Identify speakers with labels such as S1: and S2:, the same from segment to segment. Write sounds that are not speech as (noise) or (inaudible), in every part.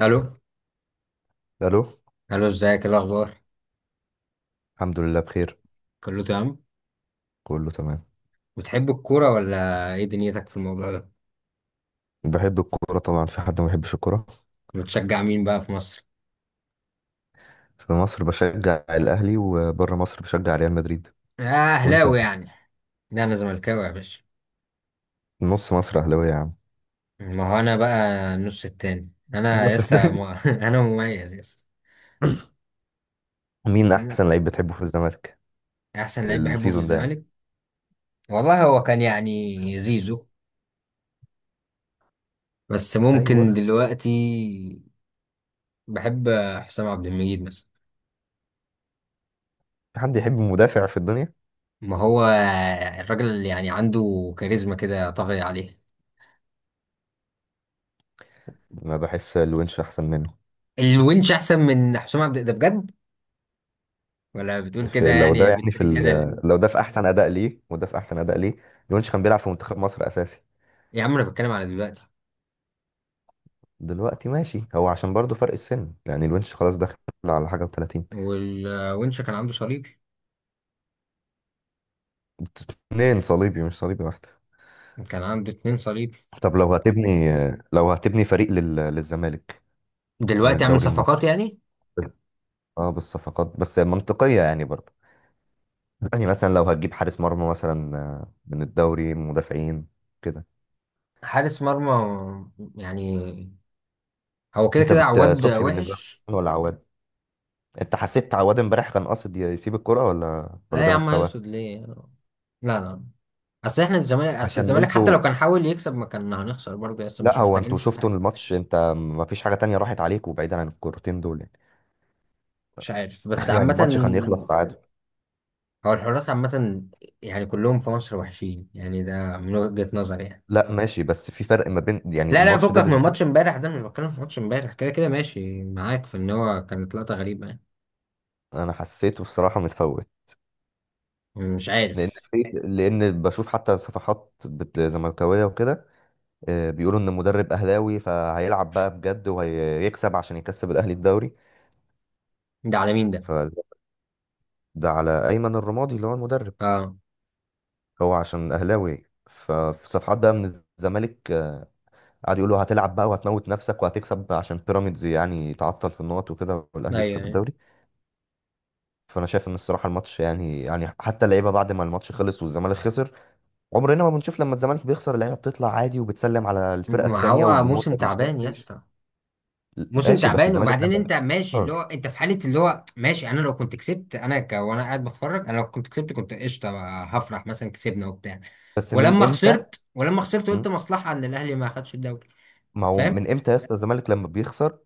S1: الو.
S2: الو.
S1: الو، ازيك؟ إيه الاخبار؟
S2: الحمد لله بخير.
S1: كله تمام.
S2: كله تمام.
S1: بتحب الكوره ولا، ايه دنيتك في الموضوع ده؟
S2: بحب الكوره طبعا، في حد ما بيحبش الكوره؟
S1: بتشجع مين بقى في مصر؟
S2: في مصر بشجع الاهلي وبره مصر بشجع ريال مدريد.
S1: اه،
S2: وانت؟
S1: اهلاوي يعني؟ لا انا زملكاوي يا باشا.
S2: نص مصر اهلاويه يا عم.
S1: ما هو انا بقى النص التاني، انا
S2: بس
S1: لسه
S2: تاني.
S1: (laughs) انا مميز لسه.
S2: (laughs) (coughs) مين احسن لعيب بتحبه في الزمالك؟
S1: احسن لعيب بحبه في
S2: السيزون ده يعني.
S1: الزمالك والله هو كان يعني زيزو، بس ممكن
S2: ايوه.
S1: دلوقتي بحب حسام عبد المجيد مثلا.
S2: في حد يحب مدافع في الدنيا؟
S1: ما هو الراجل اللي يعني عنده كاريزما كده طاغية عليه.
S2: ما بحس الونش احسن منه.
S1: الونش احسن من حسام عبد ده بجد، ولا بتقول كده
S2: في لو ده
S1: يعني
S2: يعني
S1: بتثير الجدل؟
S2: لو ده في احسن اداء ليه وده في احسن اداء ليه. الونش كان بيلعب في منتخب مصر اساسي.
S1: يا عم انا بتكلم على دلوقتي.
S2: دلوقتي ماشي، هو عشان برضه فرق السن، يعني الونش خلاص داخل على حاجه و30.
S1: والونش كان عنده صليبي،
S2: اتنين صليبي مش صليبي واحدة.
S1: كان عنده اتنين صليبي.
S2: طب لو هتبني فريق للزمالك، من
S1: دلوقتي عامل
S2: الدوري المصري.
S1: صفقات يعني.
S2: اه، بالصفقات بس منطقية يعني برضه. يعني مثلا لو هتجيب حارس مرمى مثلا، من الدوري، مدافعين كده.
S1: حارس مرمى يعني، هو كده
S2: انت
S1: كده عواد
S2: صبحي بالنسبة
S1: وحش.
S2: لك ولا عواد؟ انت حسيت عواد امبارح كان قاصد يسيب الكرة، ولا
S1: لا يا
S2: ده
S1: عم،
S2: مستواه؟
S1: هيقصد ليه؟ لا لا، اصل احنا الزمالك، اصل
S2: عشان
S1: الزمالك حتى لو
S2: انتوا.
S1: كان حاول يكسب ما كان هنخسر برضه، اصل
S2: لا،
S1: مش
S2: هو
S1: محتاجين
S2: انتوا
S1: نسيب
S2: شفتوا
S1: حاجه.
S2: الماتش، انت ما فيش حاجة تانية راحت عليكم بعيدا عن الكورتين دول يعني.
S1: مش عارف بس
S2: يعني
S1: عامة
S2: الماتش كان يخلص تعادل.
S1: هو الحراس عامة يعني كلهم في مصر وحشين يعني، ده من وجهة نظري يعني.
S2: لا ماشي، بس في فرق ما بين، يعني
S1: لا لا
S2: الماتش
S1: فكك
S2: ده
S1: من ماتش
S2: بالذات.
S1: امبارح، ده مش بتكلم في ماتش امبارح، كده كده ماشي معاك في ان هو كانت لقطة غريبة يعني.
S2: انا حسيته الصراحه متفوت.
S1: مش
S2: لان
S1: عارف.
S2: في، لان بشوف حتى صفحات زملكاويه وكده، بيقولوا ان المدرب اهلاوي، فهيلعب بقى بجد وهيكسب عشان يكسب الاهلي الدوري.
S1: ده على مين ده؟
S2: فده على ايمن الرمادي اللي هو المدرب.
S1: اه.
S2: هو عشان اهلاوي، ففي صفحات بقى من الزمالك قعدوا يقولوا هتلعب بقى وهتموت نفسك وهتكسب عشان بيراميدز يعني تعطل في النقط وكده والاهلي
S1: ايوه
S2: يكسب
S1: أيوة.
S2: الدوري. فانا شايف ان الصراحه الماتش، يعني حتى اللعيبه بعد ما الماتش خلص والزمالك خسر، عمرنا ما بنشوف لما الزمالك بيخسر اللعيبه بتطلع عادي وبتسلم على الفرقه
S1: ما
S2: التانيه
S1: هو
S2: والجمهور
S1: موسم
S2: ما بيشتكي.
S1: تعبان يا اسطى. موسم
S2: ماشي بس
S1: تعبان،
S2: الزمالك
S1: وبعدين انت
S2: لما.
S1: ماشي اللي
S2: آه.
S1: هو انت في حالة اللي هو ماشي. انا لو كنت كسبت انا وانا قاعد بتفرج، انا لو كنت كسبت كنت قشطة بقى، هفرح مثلا كسبنا وبتاع.
S2: بس من
S1: ولما
S2: امتى؟
S1: خسرت، ولما خسرت
S2: م؟
S1: قلت مصلحة ان الاهلي ما خدش الدوري.
S2: ما هو
S1: فاهم؟
S2: من امتى يا اسطى الزمالك لما بيخسر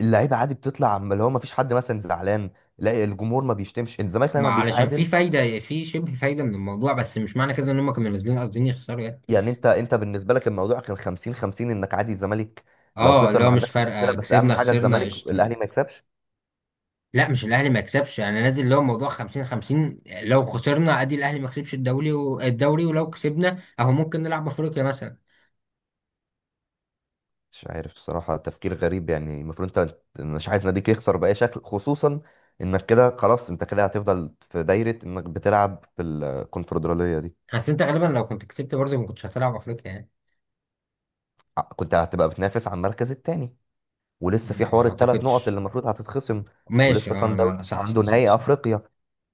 S2: اللعيبه عادي بتطلع اللي هو ما فيش حد مثلا زعلان؟ لا، الجمهور ما بيشتمش الزمالك
S1: ما
S2: لما
S1: علشان في
S2: بيتعادل.
S1: فايدة، في شبه فايدة من الموضوع، بس مش معنى كده ان هم كانوا نازلين قاصدين يخسروا يعني.
S2: يعني انت بالنسبه لك الموضوع كان 50 50، انك عادي الزمالك لو
S1: اه، اللي
S2: خسر
S1: هو
S2: ما
S1: مش
S2: عندكش
S1: فارقه،
S2: مشكله، بس اهم
S1: كسبنا
S2: حاجه
S1: خسرنا
S2: الزمالك
S1: قشطه
S2: الاهلي
S1: يعني.
S2: ما يكسبش.
S1: لا مش الاهلي ما يكسبش، انا نازل اللي هو موضوع 50 50، لو خسرنا ادي الاهلي ما كسبش الدوري الدوري، ولو كسبنا اهو ممكن نلعب افريقيا مثلا.
S2: مش عارف بصراحة، تفكير غريب يعني، المفروض انت مش عايز ناديك يخسر بأي شكل، خصوصا انك كده خلاص انت كده هتفضل في دايرة انك بتلعب في الكونفدرالية دي.
S1: بس انت غالبا لو كنت كسبت برضه ما كنتش هتلعب افريقيا يعني.
S2: كنت هتبقى بتنافس على المركز التاني، ولسه في حوار
S1: ما
S2: الثلاث نقط اللي
S1: اعتقدش.
S2: المفروض هتتخصم.
S1: ماشي،
S2: ولسه
S1: اه
S2: سان
S1: لا
S2: داونز
S1: لا، صح
S2: عنده
S1: صح صح،
S2: نهائي
S1: صح.
S2: افريقيا،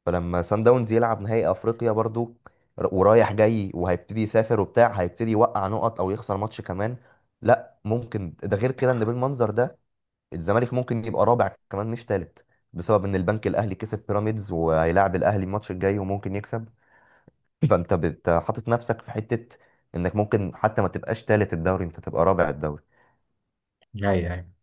S2: فلما سان داونز يلعب نهائي افريقيا برضو، ورايح جاي وهيبتدي يسافر وبتاع، هيبتدي يوقع نقط او يخسر ماتش كمان. لا ممكن ده غير كده، ان بالمنظر ده الزمالك ممكن يبقى رابع كمان مش تالت، بسبب ان البنك الاهلي كسب بيراميدز وهيلاعب الاهلي الماتش الجاي وممكن يكسب. فانت حاطط نفسك في حته انك ممكن حتى ما تبقاش تالت الدوري، انت تبقى رابع الدوري.
S1: ايوه أيوة.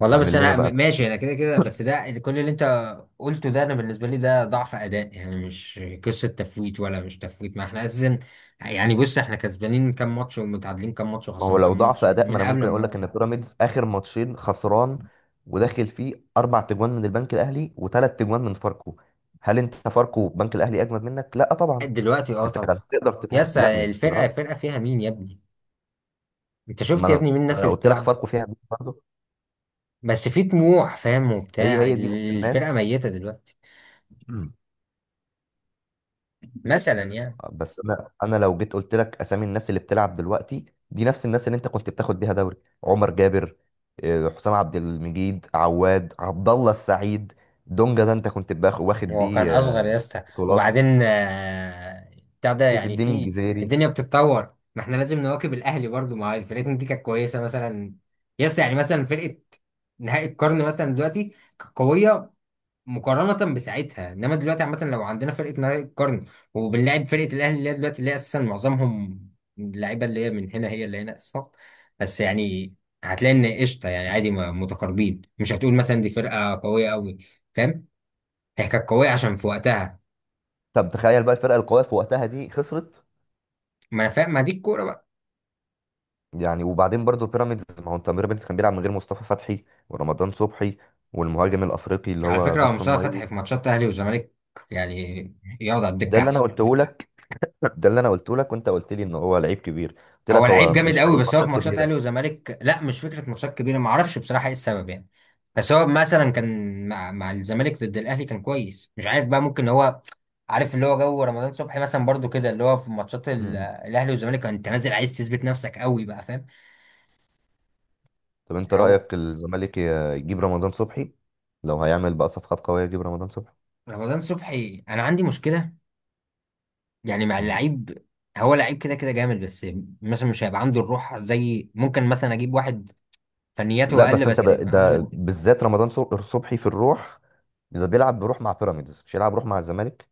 S1: والله بس
S2: يعمل لنا
S1: انا
S2: بقى.
S1: ماشي، انا كده كده، بس ده كل اللي انت قلته ده انا بالنسبه لي ده ضعف اداء يعني، مش قصه تفويت ولا مش تفويت، ما احنا اساسا. يعني بص، احنا كسبانين كام ماتش ومتعادلين كام ماتش
S2: ما هو
S1: وخسرانين
S2: لو
S1: كام
S2: ضعف
S1: ماتش
S2: اداء، ما
S1: من
S2: انا
S1: قبل
S2: ممكن اقول لك ان
S1: ما.
S2: بيراميدز اخر ماتشين خسران، وداخل فيه اربع تجوان من البنك الاهلي وثلاث تجوان من فاركو. هل انت فاركو بنك الاهلي اجمد منك؟ لا طبعا.
S1: دلوقتي اه
S2: انت كان
S1: طبعا.
S2: تقدر تتعامل،
S1: يس،
S2: لا مش
S1: الفرقه،
S2: درجة.
S1: الفرقه فيها مين يا ابني؟ انت شفت
S2: ما
S1: يا
S2: انا
S1: ابني مين الناس
S2: أنا
S1: اللي
S2: قلت لك
S1: بتلعب؟
S2: فاركو فيها برضه.
S1: بس في طموح فاهم
S2: هي
S1: وبتاع،
S2: هي دي،
S1: الفرقه
S2: نفس
S1: ميته دلوقتي.
S2: الناس.
S1: مثلا يعني.
S2: بس انا لو جيت قلت لك اسامي الناس اللي بتلعب دلوقتي، دي نفس الناس اللي انت كنت بتاخد بيها دوري. عمر جابر، حسام عبد المجيد، عواد، عبد الله السعيد، دونجا ده انت كنت واخد
S1: هو كان
S2: بيه
S1: اصغر يا اسطى،
S2: بطولات.
S1: وبعدين بتاع ده
S2: سيف
S1: يعني.
S2: الدين
S1: في
S2: الجزيري.
S1: الدنيا بتتطور، ما احنا لازم نواكب الاهلي برضو. ما هي فرقتنا دي كانت كويسه مثلا يا اسطى، يعني مثلا فرقه نهائي القرن مثلا. دلوقتي كانت قويه مقارنه بساعتها، انما دلوقتي عامه لو عندنا فرقه نهائي القرن وبنلعب فرقه الاهلي اللي هي دلوقتي، اللي هي اساسا معظمهم اللعيبه اللي هي من هنا هي اللي هنا اساسا، بس يعني هتلاقي ان قشطه يعني، عادي متقاربين، مش هتقول مثلا دي فرقه قويه قوي. فاهم؟ هي كانت قوية عشان في وقتها.
S2: طب تخيل بقى الفرقه القويه في وقتها دي خسرت.
S1: ما انا فاهم، ما دي الكورة بقى.
S2: يعني وبعدين برضو بيراميدز، ما هو انت بيراميدز كان بيلعب من غير مصطفى فتحي ورمضان صبحي والمهاجم الافريقي اللي
S1: على
S2: هو
S1: فكرة هو
S2: فيستون
S1: مصطفى
S2: مايلي.
S1: فتحي في ماتشات اهلي وزمالك يعني يقعد على
S2: ده
S1: الدكة
S2: اللي انا
S1: احسن.
S2: قلته، ده اللي انا قلته لك وانت قلت لي ان هو لعيب كبير، قلت
S1: هو
S2: لك
S1: لعيب
S2: هو
S1: جامد
S2: مش
S1: قوي،
S2: لعيب
S1: بس هو في
S2: ماتشات
S1: ماتشات
S2: كبيره.
S1: اهلي وزمالك لا مش فكرة ماتشات كبيرة، ما اعرفش بصراحة ايه السبب يعني. بس هو مثلا كان مع مع الزمالك ضد الاهلي كان كويس، مش عارف بقى، ممكن هو عارف اللي هو جو رمضان صبحي مثلا برضو كده، اللي هو في ماتشات
S2: مم.
S1: الاهلي والزمالك انت نازل عايز تثبت نفسك قوي بقى. فاهم؟
S2: طب انت
S1: او
S2: رايك الزمالك يجيب رمضان صبحي، لو هيعمل بقى صفقات قويه يجيب رمضان صبحي؟
S1: رمضان صبحي انا عندي مشكلة يعني مع
S2: مم.
S1: اللعيب. هو لعيب كده كده جامد، بس مثلا مش هيبقى عنده الروح، زي ممكن مثلا اجيب واحد فنياته
S2: لا
S1: اقل
S2: بس انت
S1: بس
S2: بقى
S1: يبقى
S2: ده
S1: عنده.
S2: بالذات رمضان صبحي في الروح، ده بيلعب بروح مع بيراميدز مش يلعب روح مع الزمالك.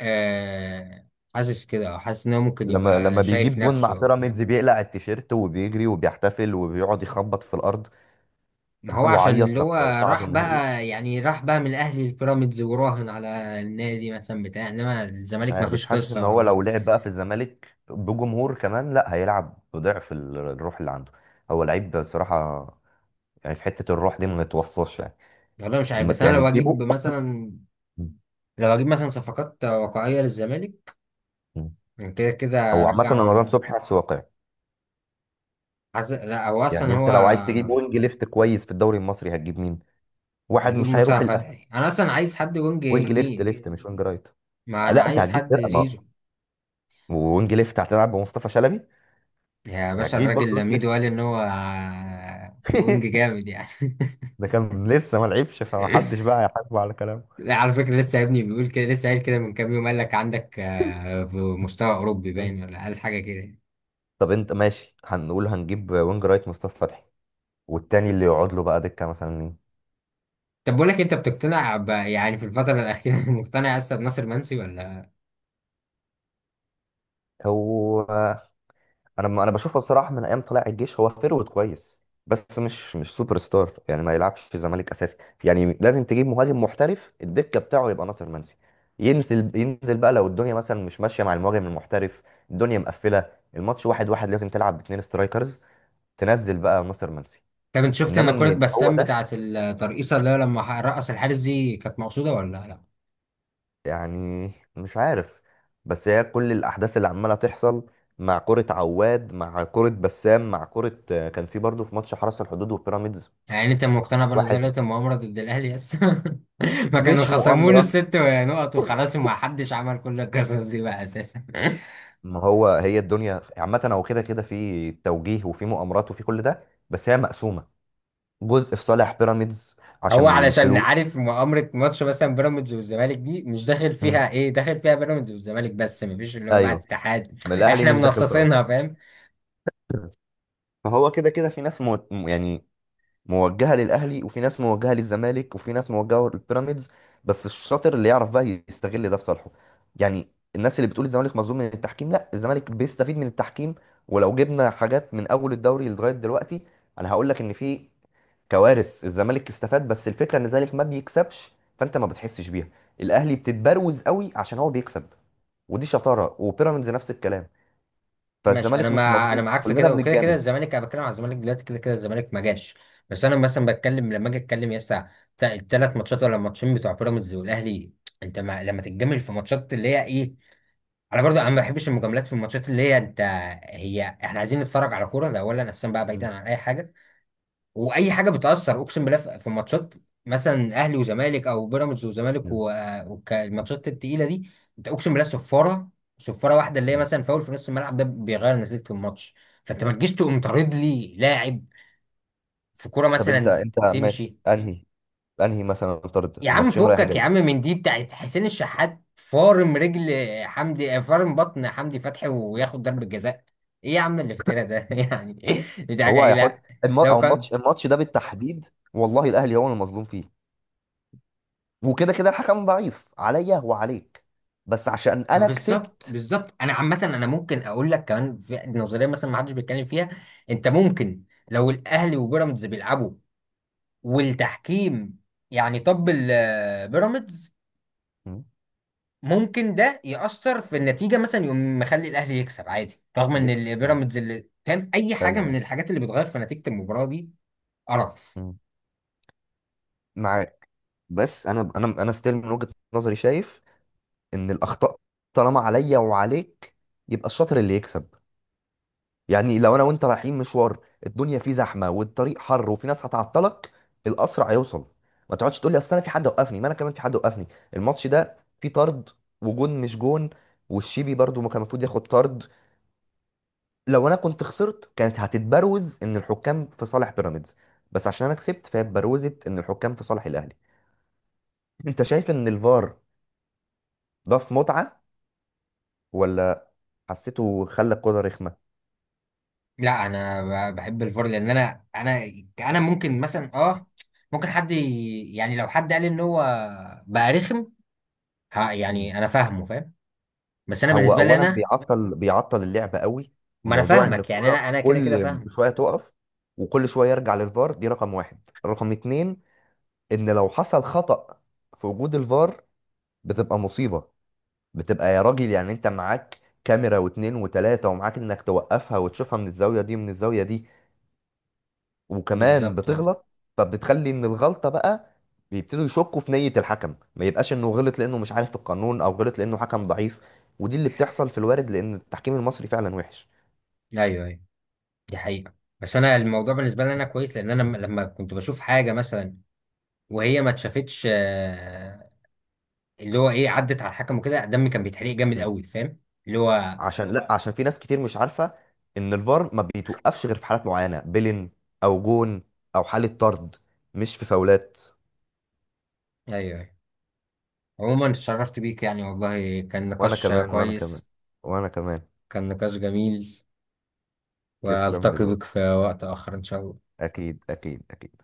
S1: آه، حاسس كده، أو حاسس ان هو ممكن
S2: لما
S1: يبقى
S2: لما
S1: شايف
S2: بيجيب جون مع
S1: نفسه أو كده.
S2: بيراميدز بيقلع التيشيرت وبيجري وبيحتفل وبيقعد يخبط في الارض.
S1: ما
S2: (laughs)
S1: هو عشان
S2: وعيط
S1: اللي هو
S2: لما صعدوا
S1: راح
S2: النهائي.
S1: بقى يعني، راح بقى من الاهلي البيراميدز وراهن على النادي مثلا بتاع، انما
S2: مش
S1: الزمالك ما
S2: عارف بس
S1: فيش
S2: حاسس
S1: قصه
S2: ان
S1: ولا
S2: هو
S1: ما.
S2: لو لعب بقى في الزمالك بجمهور كمان، لا هيلعب بضعف الروح اللي عنده. هو لعيب بصراحة، يعني في حتة الروح دي ما يتوصاش يعني.
S1: والله مش عارف،
S2: ما
S1: بس انا
S2: يعني
S1: لو اجيب
S2: تجيبه.
S1: مثلا، لو اجيب مثلا صفقات واقعيه للزمالك كده كده
S2: هو عامة أنا
S1: ارجع.
S2: رمضان صبحي حاسه واقعي.
S1: حاسس لا هو
S2: يعني
S1: اصلا
S2: انت
S1: هو.
S2: لو عايز تجيب وينج ليفت كويس في الدوري المصري هتجيب مين؟ واحد
S1: هجيب
S2: مش هيروح
S1: مصطفى
S2: الاهلي.
S1: فتحي، انا اصلا عايز حد وينج
S2: وينج ليفت
S1: يمين.
S2: ليفت مش وينج رايت.
S1: ما انا
S2: لا انت
S1: عايز
S2: هتجيب
S1: حد
S2: فرقة، ما
S1: زيزو.
S2: وينج ليفت هتلعب بمصطفى شلبي،
S1: يا باشا
S2: هتجيب برضه
S1: الراجل
S2: وينج
S1: لميدو
S2: ليفت.
S1: قال ان هو وينج
S2: (laughs)
S1: جامد يعني.
S2: ده كان لسه ما لعبش فمحدش
S1: (laughs)
S2: بقى هيحاسبه على كلامه.
S1: لا على فكره لسه يا ابني بيقول كده، لسه قايل كده من كام يوم، قال لك عندك آه، في مستوى اوروبي باين، ولا قال حاجه كده.
S2: طب انت ماشي، هنقول هنجيب وينج رايت مصطفى فتحي، والتاني اللي يقعد له بقى دكه مثلا مين؟
S1: طب بقول لك إيه، انت بتقتنع يعني في الفتره الاخيره (laughs) مقتنع لسه بناصر منسي ولا؟
S2: هو انا بشوفه الصراحه من ايام طلائع الجيش، هو فيرود كويس بس مش سوبر ستار، يعني ما يلعبش في الزمالك اساسي. يعني لازم تجيب مهاجم محترف، الدكه بتاعه يبقى ناصر منسي، ينزل ينزل بقى لو الدنيا مثلا مش ماشيه مع المهاجم المحترف، الدنيا مقفله، الماتش واحد واحد، لازم تلعب باتنين سترايكرز، تنزل بقى ناصر منسي.
S1: طب انت شفت
S2: انما
S1: ان
S2: ان
S1: كره
S2: يبقى هو
S1: بسام
S2: ده،
S1: بتاعه الترقيصه اللي هو لما رقص الحارس دي كانت مقصوده ولا لا؟
S2: يعني مش عارف. بس هي كل الأحداث اللي عمالة تحصل، مع كرة عواد، مع كرة بسام، مع كرة، كان في برضه في ماتش حرس الحدود وبيراميدز.
S1: يعني انت مقتنع
S2: واحد.
S1: بنظريه المؤامره ضد الاهلي لسه؟ (laughs) ما كانوا
S2: مش
S1: خصموا له
S2: مؤامرة،
S1: الست نقط وخلاص، وما حدش عمل كل القصص دي بقى اساسا.
S2: ما هو هي الدنيا عامة هو كده كده في توجيه وفي مؤامرات وفي كل ده، بس هي مقسومة، جزء في صالح بيراميدز
S1: هو
S2: عشان
S1: علشان
S2: الفلوس.
S1: عارف، مؤامرة ماتش مثلا بيراميدز والزمالك دي، مش داخل فيها
S2: مم.
S1: ايه، داخل فيها بيراميدز والزمالك، بس مفيش اللي هو بقى
S2: ايوه،
S1: اتحاد،
S2: ما الأهلي
S1: احنا
S2: مش داخل طرف.
S1: منصصينها. فاهم؟
S2: (laughs) فهو كده كده في ناس يعني موجهه للاهلي وفي ناس موجهه للزمالك وفي ناس موجهه للبيراميدز، بس الشاطر اللي يعرف بقى يستغل ده في صالحه. يعني الناس اللي بتقول الزمالك مظلوم من التحكيم، لا الزمالك بيستفيد من التحكيم. ولو جبنا حاجات من اول الدوري لغايه دلوقتي انا هقول لك ان في كوارث الزمالك استفاد، بس الفكره ان الزمالك ما بيكسبش فانت ما بتحسش بيها. الاهلي بتتبروز قوي عشان هو بيكسب، ودي شطاره، وبيراميدز نفس الكلام.
S1: ماشي انا
S2: فالزمالك مش
S1: مع، انا
S2: مظلوم،
S1: معاك في
S2: كلنا
S1: كده، وكده كده
S2: بنتجامل.
S1: الزمالك، انا بتكلم على الزمالك دلوقتي، كده كده الزمالك ما جاش. بس انا مثلا بتكلم لما اجي اتكلم يا اسطى، الثلاث ماتشات ولا الماتشين بتوع بيراميدز والاهلي، انت ما... لما تتجمل في ماتشات اللي هي ايه، انا برضو انا ما بحبش المجاملات في الماتشات اللي هي انت. هي احنا عايزين نتفرج على كوره ده اولا اساسا بقى
S2: م.
S1: بعيدا عن اي حاجه، واي حاجه بتاثر. اقسم بالله في في ماتشات مثلا اهلي وزمالك او بيراميدز وزمالك
S2: م.
S1: والماتشات التقيله دي، انت اقسم بالله صفاره، صفاره واحده اللي هي
S2: م.
S1: مثلا فاول في نص الملعب ده بيغير نتيجه الماتش. فانت ما تجيش تقوم طارد لي لاعب في كوره
S2: طب انت
S1: مثلا
S2: انت ماشي،
S1: تمشي.
S2: انهي، انهي مثلا طرد
S1: يا عم
S2: ماتشين رايح
S1: فكك يا
S2: جاي؟
S1: عم من دي بتاعت حسين الشحات فارم رجل حمدي، فارم بطن حمدي فتحي وياخد ضربة جزاء. ايه يا عم الافتراء ده؟ (laughs) يعني دي حاجة
S2: هو
S1: ايه؟
S2: هيحط
S1: لا لو
S2: او
S1: كان.
S2: الماتش ده بالتحديد والله الاهلي هو المظلوم فيه، وكده كده الحكم ضعيف عليا وعليك، بس عشان
S1: ما
S2: انا
S1: بالظبط،
S2: كسبت.
S1: بالظبط. انا عامة انا ممكن اقول لك كمان في نظرية مثلا ما حدش بيتكلم فيها. انت ممكن، لو الاهلي وبيراميدز بيلعبوا والتحكيم، يعني طب، بيراميدز
S2: مم.
S1: ممكن ده يأثر في النتيجة مثلا، يقوم مخلي الأهلي يكسب عادي رغم إن
S2: يكسب. مم.
S1: البيراميدز اللي فاهم أي
S2: ايوه
S1: حاجة من
S2: أيوة.
S1: الحاجات اللي بتغير في نتيجة المباراة دي. قرف.
S2: مم. معاك. بس انا ستيل من وجهة نظري شايف ان الاخطاء طالما عليا وعليك يبقى الشاطر اللي يكسب. يعني لو انا وانت رايحين مشوار، الدنيا فيه زحمه والطريق حر وفي ناس هتعطلك، الاسرع هيوصل. ما تقعدش تقول لي اصل انا في حد وقفني، ما انا كمان في حد وقفني. الماتش ده فيه طرد، وجون مش جون، والشيبي برضو ما كان المفروض ياخد طرد. لو انا كنت خسرت كانت هتتبروز ان الحكام في صالح بيراميدز، بس عشان انا كسبت فهي اتبروزت ان الحكام في صالح الاهلي. انت شايف ان الفار ضاف متعه ولا حسيته خلى الكوره رخمه؟
S1: لا أنا بحب الفار، لأن أنا أنا أنا ممكن مثلا أه، ممكن حد يعني لو حد قال إن هو بقى رخم، ها يعني أنا فاهمه. فاهم؟ بس أنا
S2: هو
S1: بالنسبة لي
S2: اولا
S1: أنا.
S2: بيعطل اللعبه قوي،
S1: ما أنا
S2: موضوع ان
S1: فاهمك يعني،
S2: الكوره
S1: أنا أنا كده كده
S2: كل
S1: فاهم.
S2: شويه تقف وكل شويه يرجع للفار دي رقم واحد. رقم اتنين، ان لو حصل خطأ في وجود الفار بتبقى مصيبه، بتبقى يا راجل، يعني انت معاك كاميرا واتنين وتلاته ومعاك انك توقفها وتشوفها من الزاويه دي ومن الزاويه دي، وكمان
S1: بالظبط أه.
S2: بتغلط. فبتخلي ان الغلطه بقى بيبتدوا يشكوا في نيه الحكم، ما يبقاش انه غلط لانه مش عارف القانون او غلط لانه حكم ضعيف، ودي اللي بتحصل في الوارد لان التحكيم المصري فعلا وحش.
S1: أيوه أيوه، دي حقيقة. بس أنا الموضوع بالنسبة لي أنا كويس، لأن أنا لما كنت بشوف حاجة مثلا وهي ما اتشافتش، آه، اللي هو ايه، عدت على الحكم وكده دمي كان بيتحرق جامد
S2: مم.
S1: قوي. فاهم؟ اللي هو.
S2: عشان، لا عشان في ناس كتير مش عارفه ان الفار ما بيتوقفش غير في حالات معينه، بيلين او جون او حاله طرد، مش في فاولات.
S1: ايوه أيوة. عموما اتشرفت بيك يعني، والله كان
S2: وانا
S1: نقاش
S2: كمان وانا كمان
S1: كويس،
S2: وانا كمان.
S1: كان نقاش جميل،
S2: تسلم
S1: والتقي بك
S2: لذوقك.
S1: في وقت اخر ان شاء الله.
S2: اكيد اكيد اكيد.